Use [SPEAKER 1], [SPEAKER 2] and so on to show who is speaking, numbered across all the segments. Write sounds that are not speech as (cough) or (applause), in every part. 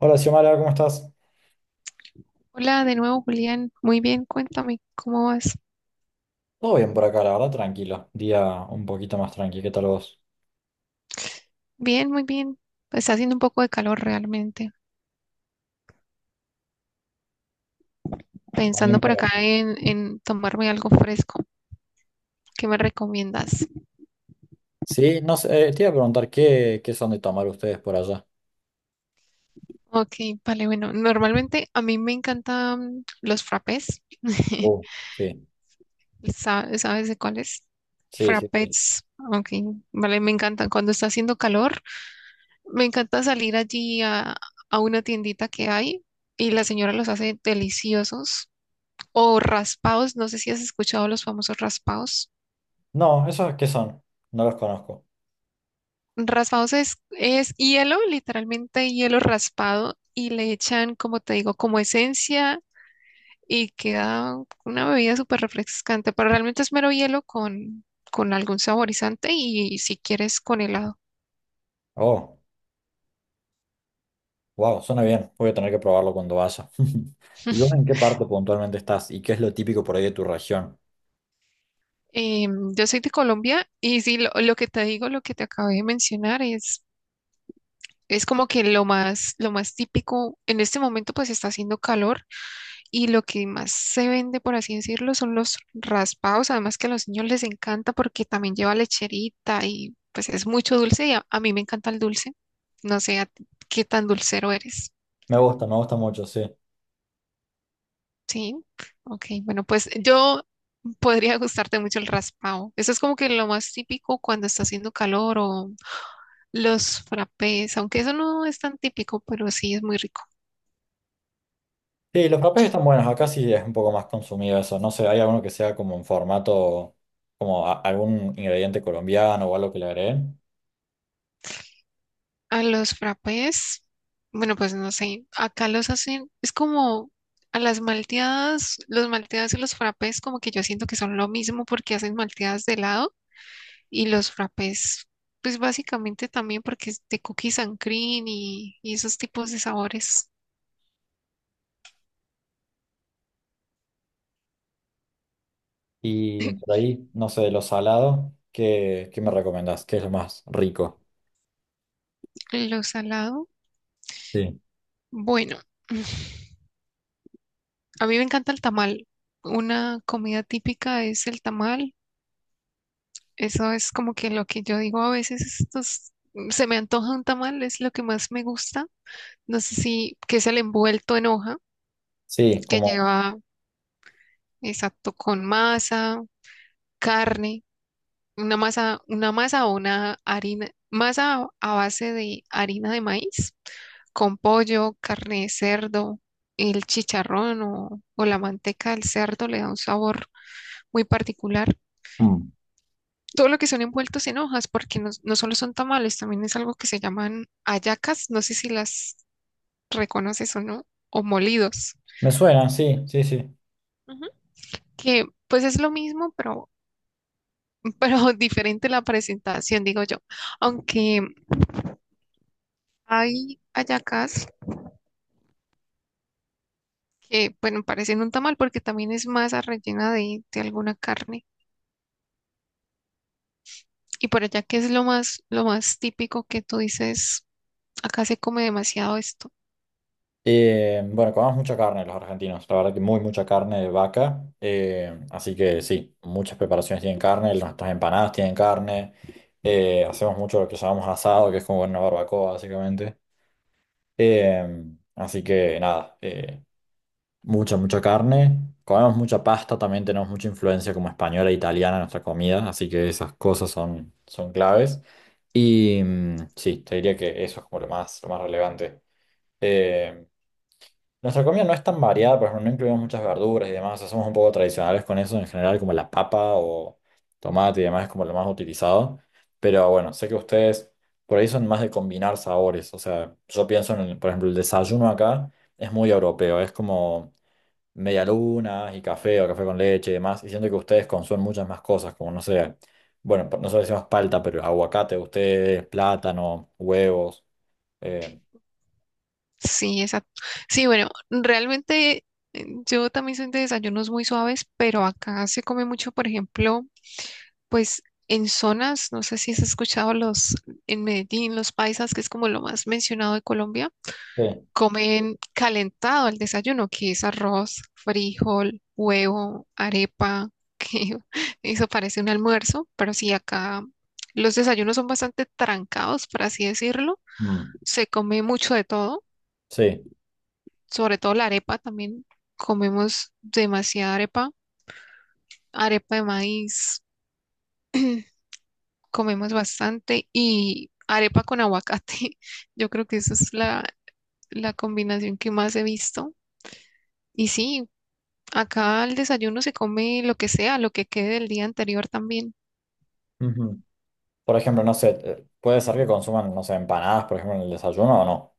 [SPEAKER 1] Hola Xiomara, ¿cómo estás?
[SPEAKER 2] Hola de nuevo, Julián. Muy bien, cuéntame, ¿cómo vas?
[SPEAKER 1] Todo bien por acá, la verdad, tranquilo. Día un poquito más tranquilo. ¿Qué tal vos?
[SPEAKER 2] Bien, muy bien. Pues está haciendo un poco de calor realmente. Pensando
[SPEAKER 1] También
[SPEAKER 2] por
[SPEAKER 1] por
[SPEAKER 2] acá
[SPEAKER 1] acá.
[SPEAKER 2] en tomarme algo fresco. ¿Qué me recomiendas?
[SPEAKER 1] Sí, no sé, te iba a preguntar qué son de tomar ustedes por allá.
[SPEAKER 2] Ok, vale, bueno, normalmente a mí me encantan los frappés. (laughs)
[SPEAKER 1] Uh, sí,
[SPEAKER 2] ¿Sabes de cuáles?
[SPEAKER 1] sí, sí, sí.
[SPEAKER 2] Frappés. Ok, vale, me encantan. Cuando está haciendo calor, me encanta salir allí a una tiendita que hay y la señora los hace deliciosos. O raspados, no sé si has escuchado los famosos raspados.
[SPEAKER 1] No, ¿esos qué son? No los conozco.
[SPEAKER 2] Raspados es hielo, literalmente hielo raspado, y le echan, como te digo, como esencia y queda una bebida súper refrescante, pero realmente es mero hielo con algún saborizante y si quieres con helado.
[SPEAKER 1] Oh, wow, suena bien. Voy a tener que probarlo cuando vaya. (laughs) ¿Y vos en qué parte puntualmente estás? ¿Y qué es lo típico por ahí de tu región?
[SPEAKER 2] Yo soy de Colombia y sí, lo que te digo, lo que te acabé de mencionar es como que lo más típico. En este momento pues está haciendo calor y lo que más se vende, por así decirlo, son los raspados. Además que a los niños les encanta porque también lleva lecherita y pues es mucho dulce y a mí me encanta el dulce. No sé a ti qué tan dulcero eres.
[SPEAKER 1] Me gusta mucho, sí.
[SPEAKER 2] Sí, ok. Bueno, pues yo podría gustarte mucho el raspado. Eso es como que lo más típico cuando está haciendo calor o los frappés, aunque eso no es tan típico, pero sí es muy rico.
[SPEAKER 1] Sí, los frappés están buenos. Acá sí es un poco más consumido eso. No sé, ¿hay alguno que sea como en formato, como algún ingrediente colombiano o algo que le agreguen?
[SPEAKER 2] A los frappés, bueno, pues no sé, acá los hacen, es como a las malteadas, los malteadas y los frappés, como que yo siento que son lo mismo porque hacen malteadas de helado y los frappés, pues básicamente también porque es de cookies and cream y esos tipos de sabores.
[SPEAKER 1] Y por ahí, no sé, de lo salado, qué me recomendás? ¿Qué es lo más rico?
[SPEAKER 2] Lo salado,
[SPEAKER 1] Sí.
[SPEAKER 2] bueno, (laughs) a mí me encanta el tamal. Una comida típica es el tamal. Eso es como que lo que yo digo a veces, estos, se me antoja un tamal, es lo que más me gusta. No sé si, que es el envuelto en hoja,
[SPEAKER 1] Sí,
[SPEAKER 2] que
[SPEAKER 1] como...
[SPEAKER 2] lleva, exacto, con masa, carne, una masa o una harina, masa a base de harina de maíz, con pollo, carne de cerdo, el chicharrón o la manteca del cerdo le da un sabor muy particular.
[SPEAKER 1] Mm.
[SPEAKER 2] Todo lo que son envueltos en hojas, porque no, no solo son tamales, también es algo que se llaman hallacas, no sé si las reconoces o no, o molidos.
[SPEAKER 1] Me suena, sí, sí, sí.
[SPEAKER 2] Ujú. Que pues es lo mismo, pero (laughs) diferente la presentación, digo yo. Aunque hay hallacas que, bueno, parecen un tamal porque también es masa rellena de alguna carne. Y por allá, ¿qué es lo más típico que tú dices? Acá se come demasiado esto.
[SPEAKER 1] Bueno, comemos mucha carne los argentinos, la verdad que muy mucha carne de vaca, así que sí, muchas preparaciones tienen carne, nuestras empanadas tienen carne, hacemos mucho lo que llamamos asado, que es como una barbacoa básicamente, eh, así que nada, mucha carne, comemos mucha pasta, también tenemos mucha influencia como española e italiana en nuestra comida, así que esas cosas son, son claves y mm, sí, te diría que eso es como lo más relevante. Em, nuestra comida no es tan variada, por ejemplo, no incluimos muchas verduras y demás, o sea, somos un poco tradicionales con eso en general, como la papa o tomate y demás es como lo más utilizado. Pero bueno, sé que ustedes por ahí son más de combinar sabores, o sea, yo pienso en, por ejemplo, el desayuno acá es muy europeo, es como medialunas y café o café con leche y demás, y siento que ustedes consumen muchas más cosas, como no sé, bueno, nosotros decimos palta, pero aguacate, ustedes, plátano, huevos, eh,
[SPEAKER 2] Sí, exacto. Sí, bueno, realmente yo también soy de desayunos muy suaves, pero acá se come mucho, por ejemplo, pues en zonas, no sé si has escuchado los, en Medellín, los paisas, que es como lo más mencionado de Colombia
[SPEAKER 1] sí,
[SPEAKER 2] comen calentado el desayuno, que es arroz, frijol, huevo, arepa, que (laughs) eso parece un almuerzo, pero sí acá los desayunos son bastante trancados, por así decirlo.
[SPEAKER 1] mm,
[SPEAKER 2] Se come mucho de todo,
[SPEAKER 1] sí.
[SPEAKER 2] sobre todo la arepa también. Comemos demasiada arepa, arepa de maíz, comemos bastante y arepa con aguacate. (laughs) Yo creo que esa es la combinación que más he visto. Y sí, acá al desayuno se come lo que sea, lo que quede del día anterior también.
[SPEAKER 1] Por ejemplo, no sé, puede ser que consuman, no sé, empanadas, por ejemplo, en el desayuno o no.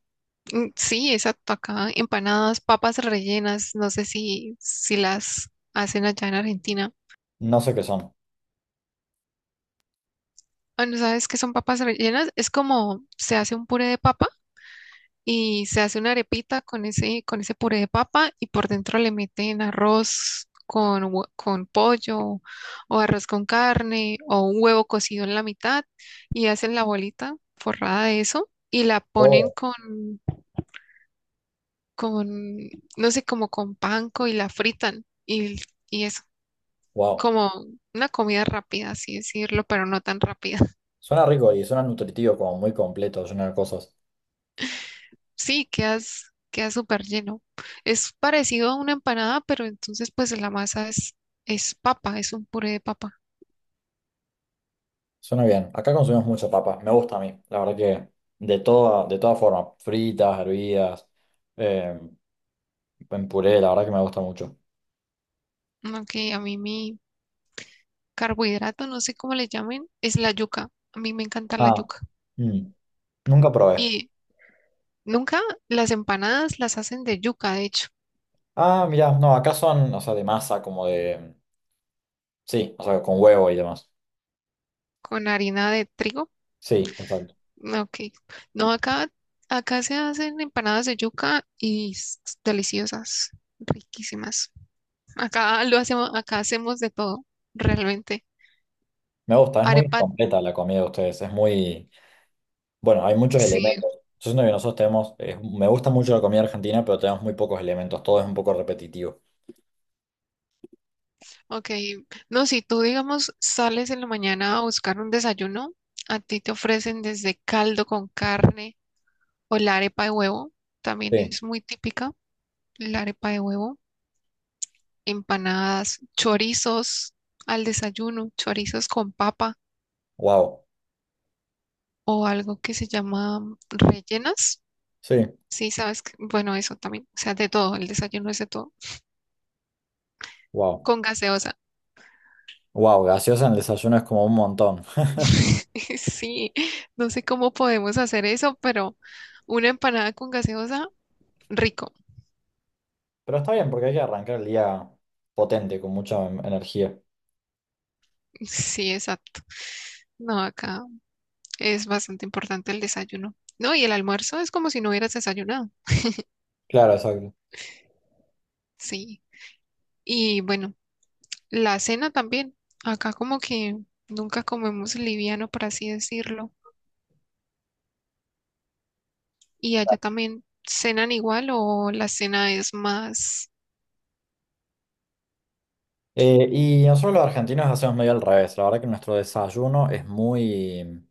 [SPEAKER 2] Mm, sí, exacto. Acá empanadas, papas rellenas. No sé si las hacen allá en Argentina.
[SPEAKER 1] No sé qué son.
[SPEAKER 2] Ah, ¿no sabes qué son papas rellenas? Es como se hace un puré de papa y se hace una arepita con ese puré de papa y por dentro le meten arroz con, con pollo o arroz con carne o un huevo cocido en la mitad y hacen la bolita forrada de eso y la ponen
[SPEAKER 1] Oh,
[SPEAKER 2] con, no sé, como con panko y la fritan y es
[SPEAKER 1] wow.
[SPEAKER 2] como una comida rápida, así decirlo, pero no tan rápida. (laughs)
[SPEAKER 1] Suena rico y suena nutritivo, como muy completo, lleno de cosas.
[SPEAKER 2] Sí, quedas, queda súper lleno. Es parecido a una empanada, pero entonces pues la masa es papa, es un puré de papa.
[SPEAKER 1] Suena bien. Acá consumimos mucha papa. Me gusta a mí. La verdad que de toda forma. Fritas, hervidas, eh, en puré, la verdad que me gusta mucho.
[SPEAKER 2] Aunque a mí mi carbohidrato, no sé cómo le llamen, es la yuca. A mí me encanta la
[SPEAKER 1] Ah,
[SPEAKER 2] yuca.
[SPEAKER 1] mm, nunca probé.
[SPEAKER 2] Y nunca las empanadas las hacen de yuca, de hecho,
[SPEAKER 1] Ah, mirá, no, acá son, o sea, de masa, como de... Sí, o sea, con huevo y demás.
[SPEAKER 2] con harina de trigo.
[SPEAKER 1] Sí, exacto.
[SPEAKER 2] Ah, ok. No, acá, acá se hacen empanadas de yuca y deliciosas, riquísimas. Acá lo hacemos, acá hacemos de todo, realmente.
[SPEAKER 1] Me gusta, es muy
[SPEAKER 2] Arepa,
[SPEAKER 1] completa la comida de ustedes, es muy... Bueno, hay muchos
[SPEAKER 2] sí,
[SPEAKER 1] elementos. Yo siento que nosotros tenemos, me gusta mucho la comida argentina, pero tenemos muy pocos elementos, todo es un poco repetitivo.
[SPEAKER 2] ok. No, si tú, digamos, sales en la mañana a buscar un desayuno, a ti te ofrecen desde caldo con carne o la arepa de huevo, también
[SPEAKER 1] Sí,
[SPEAKER 2] es muy típica, la arepa de huevo, empanadas, chorizos al desayuno, chorizos con papa.
[SPEAKER 1] wow,
[SPEAKER 2] O algo que se llama mm, rellenas.
[SPEAKER 1] sí,
[SPEAKER 2] Sí, sabes que, bueno, eso también, o sea, de todo, el desayuno es de todo,
[SPEAKER 1] wow,
[SPEAKER 2] con gaseosa.
[SPEAKER 1] wow, gaseosa en el desayuno es como un montón. (laughs)
[SPEAKER 2] (laughs) Sí, no sé cómo podemos hacer eso, pero una empanada con gaseosa, rico.
[SPEAKER 1] Pero está bien porque hay que arrancar el día potente, con mucha energía.
[SPEAKER 2] Sí, exacto. No, acá es bastante importante el desayuno. No, y el almuerzo es como si no hubieras desayunado.
[SPEAKER 1] Claro, exacto.
[SPEAKER 2] Sí. Y bueno, la cena también. Acá como que nunca comemos liviano, por así decirlo. ¿Y allá también cenan igual o la cena es más...
[SPEAKER 1] Y nosotros los argentinos hacemos medio al revés, la verdad que nuestro desayuno es muy...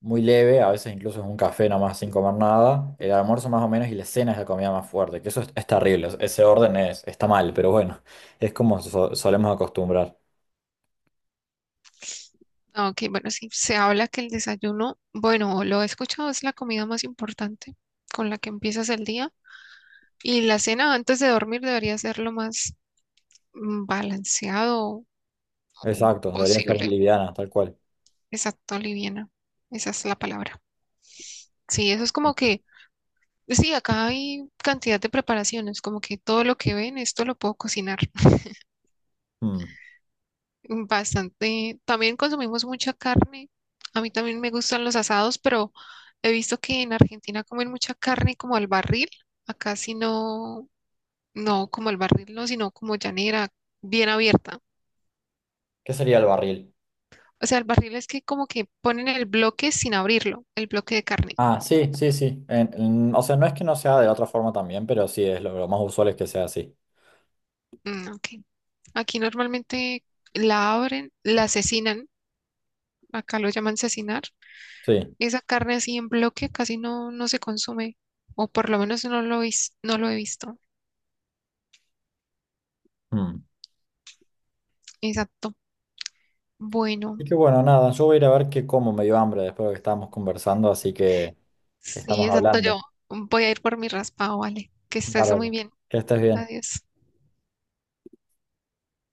[SPEAKER 1] muy leve, a veces incluso es un café nomás sin comer nada, el almuerzo más o menos y la cena es la comida más fuerte, que eso es terrible, ese orden es, está mal, pero bueno, (laughs) es como solemos acostumbrar.
[SPEAKER 2] Ah, ok, bueno, sí, se habla que el desayuno, bueno, lo he escuchado, es la comida más importante con la que empiezas el día. Y la cena antes de dormir debería ser lo más mm, balanceado o
[SPEAKER 1] Exacto, debería ser
[SPEAKER 2] posible.
[SPEAKER 1] liviana, tal cual.
[SPEAKER 2] Exacto, liviana. Esa es la palabra. Sí, eso es como que, sí, acá hay cantidad de preparaciones, como que todo lo que ven, esto lo puedo cocinar.
[SPEAKER 1] Hmm,
[SPEAKER 2] Bastante. También consumimos mucha carne. A mí también me gustan los asados, pero he visto que en Argentina comen mucha carne como al barril. Acá sí no, no como al barril, no, sino como llanera, bien abierta.
[SPEAKER 1] ¿qué sería el barril?
[SPEAKER 2] O sea, el barril es que como que ponen el bloque sin abrirlo, el bloque de carne.
[SPEAKER 1] Ah, sí, sí, sí. O sea, no es que no sea de la otra forma también, pero sí, es lo más usual es que sea así.
[SPEAKER 2] Mm, ok. Aquí normalmente la abren, la asesinan. Acá lo llaman asesinar.
[SPEAKER 1] Sí.
[SPEAKER 2] Esa carne así en bloque casi no, no se consume, o por lo menos no lo, no lo he visto.
[SPEAKER 1] Hmm.
[SPEAKER 2] Exacto.
[SPEAKER 1] Y
[SPEAKER 2] Bueno,
[SPEAKER 1] que bueno, nada, yo voy a ir a ver qué como, me dio hambre después de lo que estábamos conversando, así que
[SPEAKER 2] sí,
[SPEAKER 1] estamos
[SPEAKER 2] exacto.
[SPEAKER 1] hablando.
[SPEAKER 2] Yo voy a ir por mi raspado, vale. Que estés muy
[SPEAKER 1] Bárbaro.
[SPEAKER 2] bien.
[SPEAKER 1] Que estés bien.
[SPEAKER 2] Adiós.